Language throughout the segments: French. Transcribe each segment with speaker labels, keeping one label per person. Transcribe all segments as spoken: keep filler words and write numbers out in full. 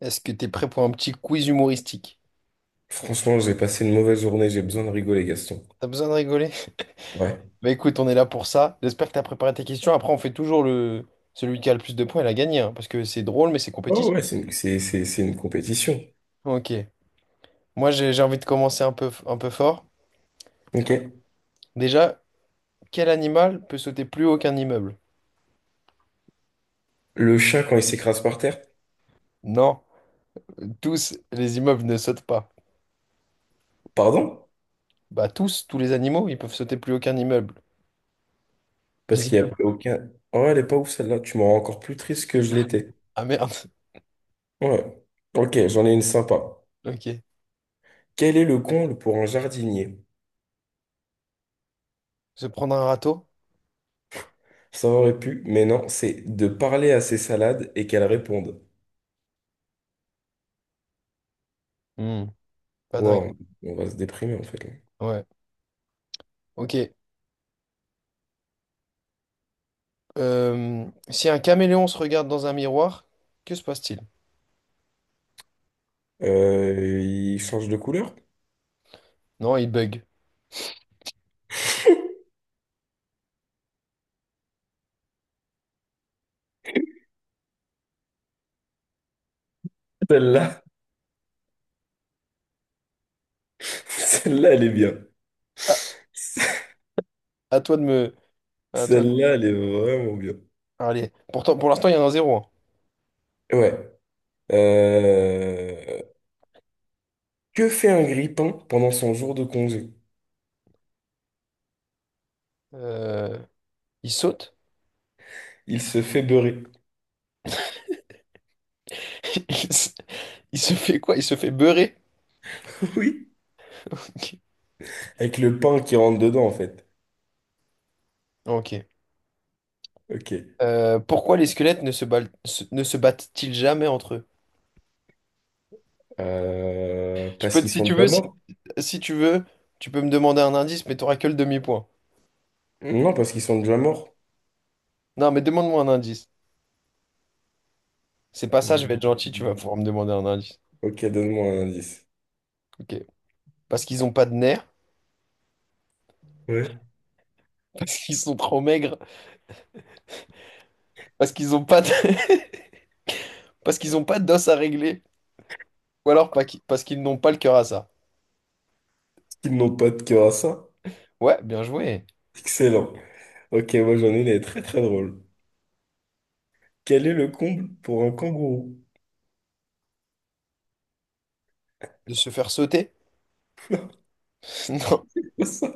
Speaker 1: Est-ce que t'es prêt pour un petit quiz humoristique?
Speaker 2: Franchement, j'ai passé une mauvaise journée, j'ai besoin de rigoler, Gaston.
Speaker 1: T'as besoin de rigoler?
Speaker 2: Ouais.
Speaker 1: Bah écoute, on est là pour ça. J'espère que t'as préparé tes questions. Après, on fait toujours le celui qui a le plus de points, il a gagné, hein, parce que c'est drôle, mais c'est
Speaker 2: Oh
Speaker 1: compétitif.
Speaker 2: ouais, c'est une, c'est, c'est, c'est une compétition.
Speaker 1: Ok. Moi, j'ai j'ai envie de commencer un peu, un peu fort.
Speaker 2: Ok.
Speaker 1: Déjà, quel animal peut sauter plus haut qu'un immeuble?
Speaker 2: Le chat, quand il s'écrase par terre,
Speaker 1: Non, tous les immeubles ne sautent pas.
Speaker 2: pardon?
Speaker 1: Bah tous, tous les animaux, ils peuvent sauter plus haut qu'un immeuble.
Speaker 2: Parce
Speaker 1: Les
Speaker 2: qu'il n'y a
Speaker 1: immeubles.
Speaker 2: aucun... Oh, elle est pas ouf celle-là, tu m'en rends encore plus triste que je l'étais.
Speaker 1: Ah merde.
Speaker 2: Ouais. Ok, j'en ai une sympa.
Speaker 1: Ok.
Speaker 2: Quel est le comble pour un jardinier?
Speaker 1: Se prendre un râteau?
Speaker 2: Ça aurait pu, mais non, c'est de parler à ses salades et qu'elles répondent.
Speaker 1: Hmm, pas dingue.
Speaker 2: Wow, on va se déprimer en fait. Là.
Speaker 1: Ouais. Ok. Euh, si un caméléon se regarde dans un miroir, que se passe-t-il?
Speaker 2: Euh, il change de couleur?
Speaker 1: Non, il bug.
Speaker 2: Celle-là, celle-là, elle est bien.
Speaker 1: Ah, à toi de me. À toi de-
Speaker 2: Celle-là, elle est vraiment bien.
Speaker 1: Allez, pourtant, pour l'instant, il y en a un zéro, hein.
Speaker 2: Ouais. Euh, Que fait un grille-pain pendant son jour de congé?
Speaker 1: Euh, il saute?
Speaker 2: Il se fait beurrer.
Speaker 1: Il se il se fait quoi? Il se fait beurrer?
Speaker 2: Oui. Avec le pain qui rentre dedans, en fait.
Speaker 1: Ok.
Speaker 2: Ok.
Speaker 1: Euh, pourquoi les squelettes ne se, bal- se- ne se battent-ils jamais entre eux?
Speaker 2: Euh,
Speaker 1: Je
Speaker 2: Parce
Speaker 1: peux, te-
Speaker 2: qu'ils
Speaker 1: si
Speaker 2: sont
Speaker 1: tu
Speaker 2: déjà
Speaker 1: veux, si,
Speaker 2: morts?
Speaker 1: si tu veux, tu peux me demander un indice, mais t'auras que le demi-point.
Speaker 2: Non, parce qu'ils sont déjà morts.
Speaker 1: Non, mais demande-moi un indice. C'est pas ça, je vais être
Speaker 2: Hmm.
Speaker 1: gentil, tu vas pouvoir me demander un indice.
Speaker 2: Ok, donne-moi un indice.
Speaker 1: Ok. Parce qu'ils ont pas de nerfs,
Speaker 2: Ouais.
Speaker 1: parce qu'ils sont trop maigres. Parce qu'ils ont pas de... parce qu'ils ont pas d'os à régler. Ou alors pas qui- parce qu'ils n'ont pas le cœur à ça.
Speaker 2: Qu'ils n'ont pas de cœur à ça?
Speaker 1: Ouais, bien joué.
Speaker 2: Excellent. Ok, moi j'en ai une, elle est très très drôle. Quel est le comble pour un kangourou?
Speaker 1: De se faire sauter?
Speaker 2: Ça,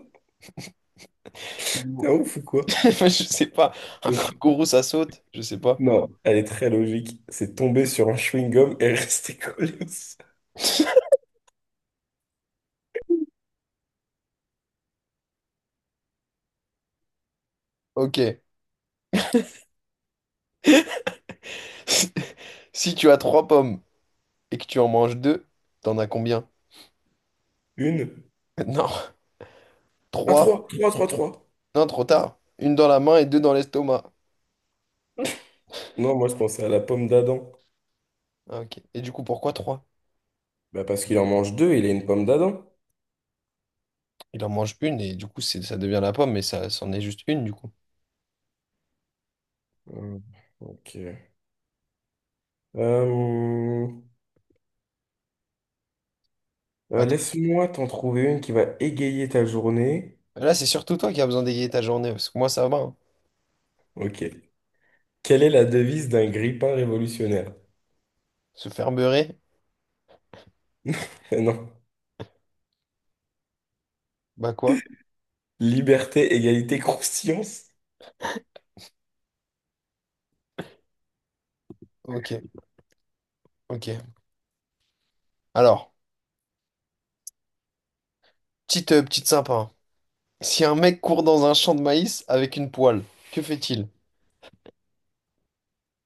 Speaker 2: t'es
Speaker 1: Non.
Speaker 2: un ouf ou quoi?
Speaker 1: Je sais pas. Un kangourou, ça saute? Je sais pas.
Speaker 2: Non, elle est très logique. C'est tomber sur un chewing-gum et rester collé au sol.
Speaker 1: Ok. Si tu as trois pommes et que tu en manges deux, t'en as combien?
Speaker 2: Une.
Speaker 1: Non.
Speaker 2: Ah,
Speaker 1: Trois.
Speaker 2: trois, trois, trois, trois.
Speaker 1: Non, trop tard. Une dans la main et deux dans l'estomac.
Speaker 2: Non, moi je pensais à la pomme d'Adam.
Speaker 1: Ah, ok. Et du coup, pourquoi trois?
Speaker 2: Bah parce qu'il en mange deux, il a une pomme d'Adam.
Speaker 1: Il en mange une et du coup, c'est- ça devient la pomme, mais ça, c'en est juste une du coup.
Speaker 2: Hum, ok. Euh, euh,
Speaker 1: Attends.
Speaker 2: laisse-moi t'en trouver une qui va égayer ta journée.
Speaker 1: Là, c'est surtout toi qui as besoin d'égayer ta journée, parce que moi, ça va, hein.
Speaker 2: Ok. Quelle est la devise d'un grippin révolutionnaire?
Speaker 1: Se faire beurrer?
Speaker 2: Non.
Speaker 1: Bah quoi?
Speaker 2: Liberté, égalité, croustillance.
Speaker 1: Ok, ok. Alors, petite, euh, petite sympa, hein. Si un mec court dans un champ de maïs avec une poêle, que fait-il?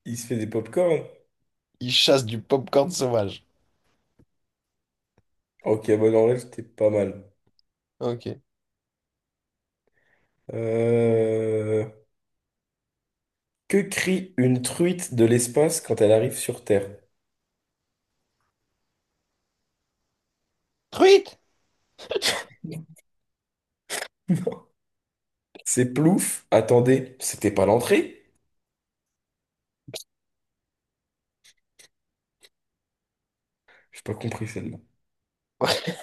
Speaker 2: Il se fait des pop-corn.
Speaker 1: Il chasse du popcorn sauvage.
Speaker 2: Ok, bon, en vrai, c'était pas mal.
Speaker 1: Ok.
Speaker 2: Euh, Que crie une truite de l'espace quand elle arrive sur Terre?
Speaker 1: Truite!
Speaker 2: Non. C'est plouf. Attendez, c'était pas l'entrée? J'ai pas compris celle-là.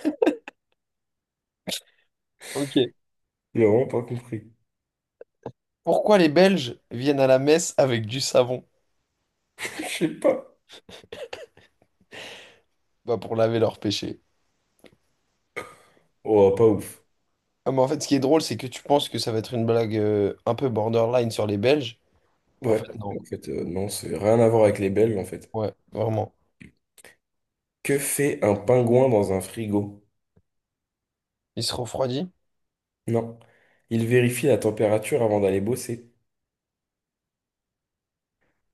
Speaker 1: Ok.
Speaker 2: J'ai vraiment pas compris.
Speaker 1: Pourquoi les Belges viennent à la messe avec du savon?
Speaker 2: Je sais pas.
Speaker 1: Bah pour laver leurs péchés.
Speaker 2: Oh, pas ouf.
Speaker 1: Ah, mais en fait, ce qui est drôle, c'est que tu penses que ça va être une blague euh, un peu borderline sur les Belges. En
Speaker 2: Ouais.
Speaker 1: fait, non.
Speaker 2: En fait, euh, non, c'est rien à voir avec les Belges, en fait.
Speaker 1: Ouais, vraiment.
Speaker 2: Que fait un pingouin dans un frigo?
Speaker 1: Il se refroidit?
Speaker 2: Non. Il vérifie la température avant d'aller bosser.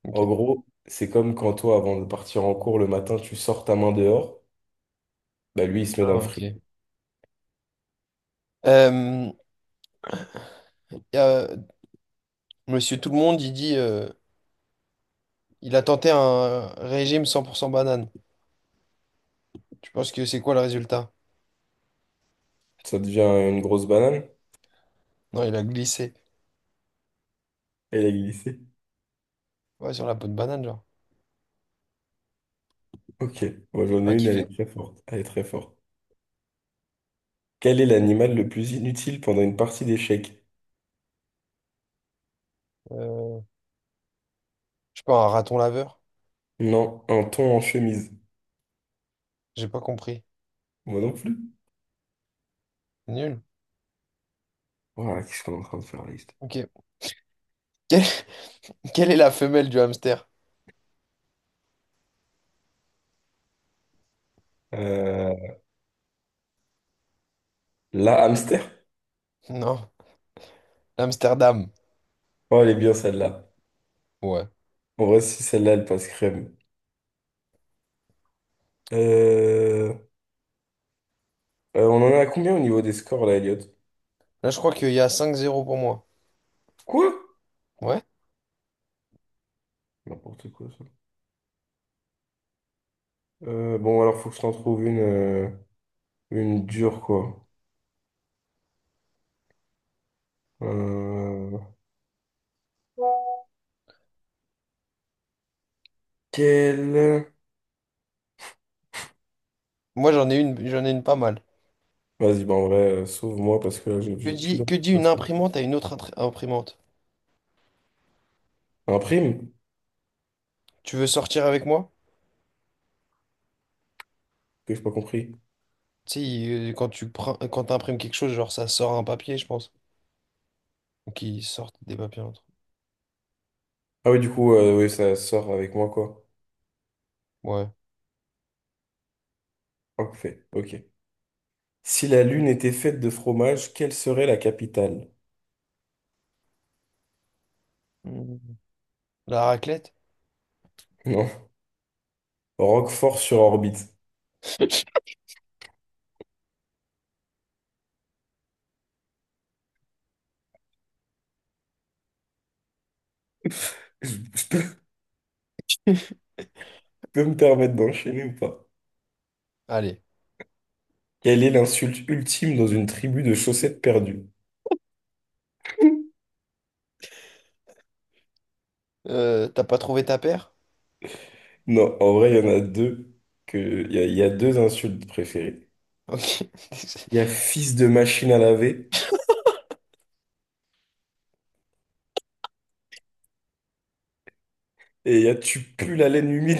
Speaker 1: Ok.
Speaker 2: En gros, c'est comme quand toi, avant de partir en cours le matin, tu sors ta main dehors. Bah lui, il se met dans
Speaker 1: Ah,
Speaker 2: le frigo.
Speaker 1: ok. Euh, y a- euh, Monsieur Tout-le-Monde, il dit... euh, Il a tenté un régime cent pour cent banane. Tu penses que c'est quoi le résultat?
Speaker 2: Ça devient une grosse banane.
Speaker 1: Non, il a glissé.
Speaker 2: Elle a glissé.
Speaker 1: Ouais, sur la peau de banane, genre.
Speaker 2: Ok, moi
Speaker 1: T'as
Speaker 2: j'en ai
Speaker 1: pas
Speaker 2: une, elle
Speaker 1: kiffé?
Speaker 2: est très forte. Elle est très forte. Quel est l'animal le plus inutile pendant une partie d'échecs?
Speaker 1: Euh, je sais pas, un raton laveur?
Speaker 2: Non, un thon en chemise.
Speaker 1: J'ai pas compris.
Speaker 2: Moi non plus.
Speaker 1: Nul.
Speaker 2: Voilà, qu'est-ce qu'on est en train de faire la liste?
Speaker 1: Ok. Quelle, quelle est la femelle du hamster?
Speaker 2: Euh, la hamster?
Speaker 1: Non. L'Amsterdam.
Speaker 2: Oh, elle est bien celle-là.
Speaker 1: Ouais.
Speaker 2: En vrai, si celle-là, elle passe crème. Euh, euh, on en est à combien au niveau des scores là, Elliot?
Speaker 1: Là, je crois qu'il y a cinq zéro pour moi.
Speaker 2: Quoi?
Speaker 1: Ouais?
Speaker 2: N'importe quoi ça. Euh, bon, alors faut que je t'en trouve une, euh, une dure quoi. Euh, quelle?
Speaker 1: Moi, j'en ai une, j'en ai une pas mal.
Speaker 2: Vas-y, bah en vrai, euh, sauve-moi parce que là, j'ai
Speaker 1: Que
Speaker 2: j'ai plus
Speaker 1: dit, que dit une
Speaker 2: d'informations.
Speaker 1: imprimante à une autre intr- imprimante?
Speaker 2: Un prime?
Speaker 1: Tu veux sortir avec moi?
Speaker 2: Que j'ai pas compris.
Speaker 1: Tu sais, il- quand tu prends, quand t'imprimes quelque chose, genre, ça sort un papier, je pense. Ou qu'ils sortent des papiers entre
Speaker 2: Ah oui, du coup, euh, oui, ça sort avec moi, quoi.
Speaker 1: eux. Ouais.
Speaker 2: Parfait, ok. Si la Lune était faite de fromage, quelle serait la capitale?
Speaker 1: La raclette?
Speaker 2: Non. Roquefort-sur-Orbite. Je je peux, je peux me permettre d'enchaîner ou pas?
Speaker 1: Allez.
Speaker 2: Quelle est l'insulte ultime dans une tribu de chaussettes perdues?
Speaker 1: Euh, t'as pas trouvé ta paire?
Speaker 2: Non, en vrai, il y en a deux que il y a, il y a deux insultes préférées.
Speaker 1: Ok.
Speaker 2: Il y a fils de machine à laver et il y a tu pues la laine humide.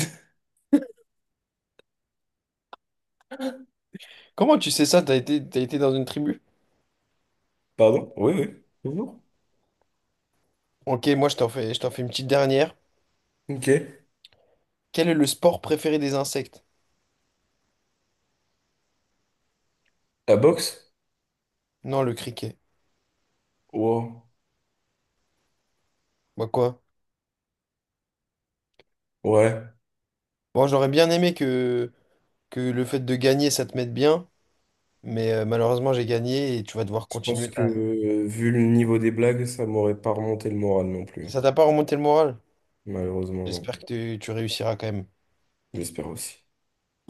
Speaker 1: Comment tu sais ça? T'as été, t'as été dans une tribu?
Speaker 2: Pardon? Oui, oui. Toujours.
Speaker 1: Ok, moi je t'en fais, je t'en fais une petite dernière.
Speaker 2: Ok.
Speaker 1: Quel est le sport préféré des insectes?
Speaker 2: La boxe?
Speaker 1: Non, le criquet.
Speaker 2: Wow.
Speaker 1: Bah quoi?
Speaker 2: Ouais,
Speaker 1: Bon, j'aurais bien aimé que, que le fait de gagner, ça te mette bien, mais euh, malheureusement j'ai gagné et tu vas devoir
Speaker 2: je pense
Speaker 1: continuer
Speaker 2: que
Speaker 1: ta...
Speaker 2: euh, vu le niveau des blagues, ça m'aurait pas remonté le moral non plus, hein.
Speaker 1: Ça t'a pas remonté le moral?
Speaker 2: Malheureusement, non.
Speaker 1: J'espère que tu tu réussiras quand même.
Speaker 2: J'espère aussi.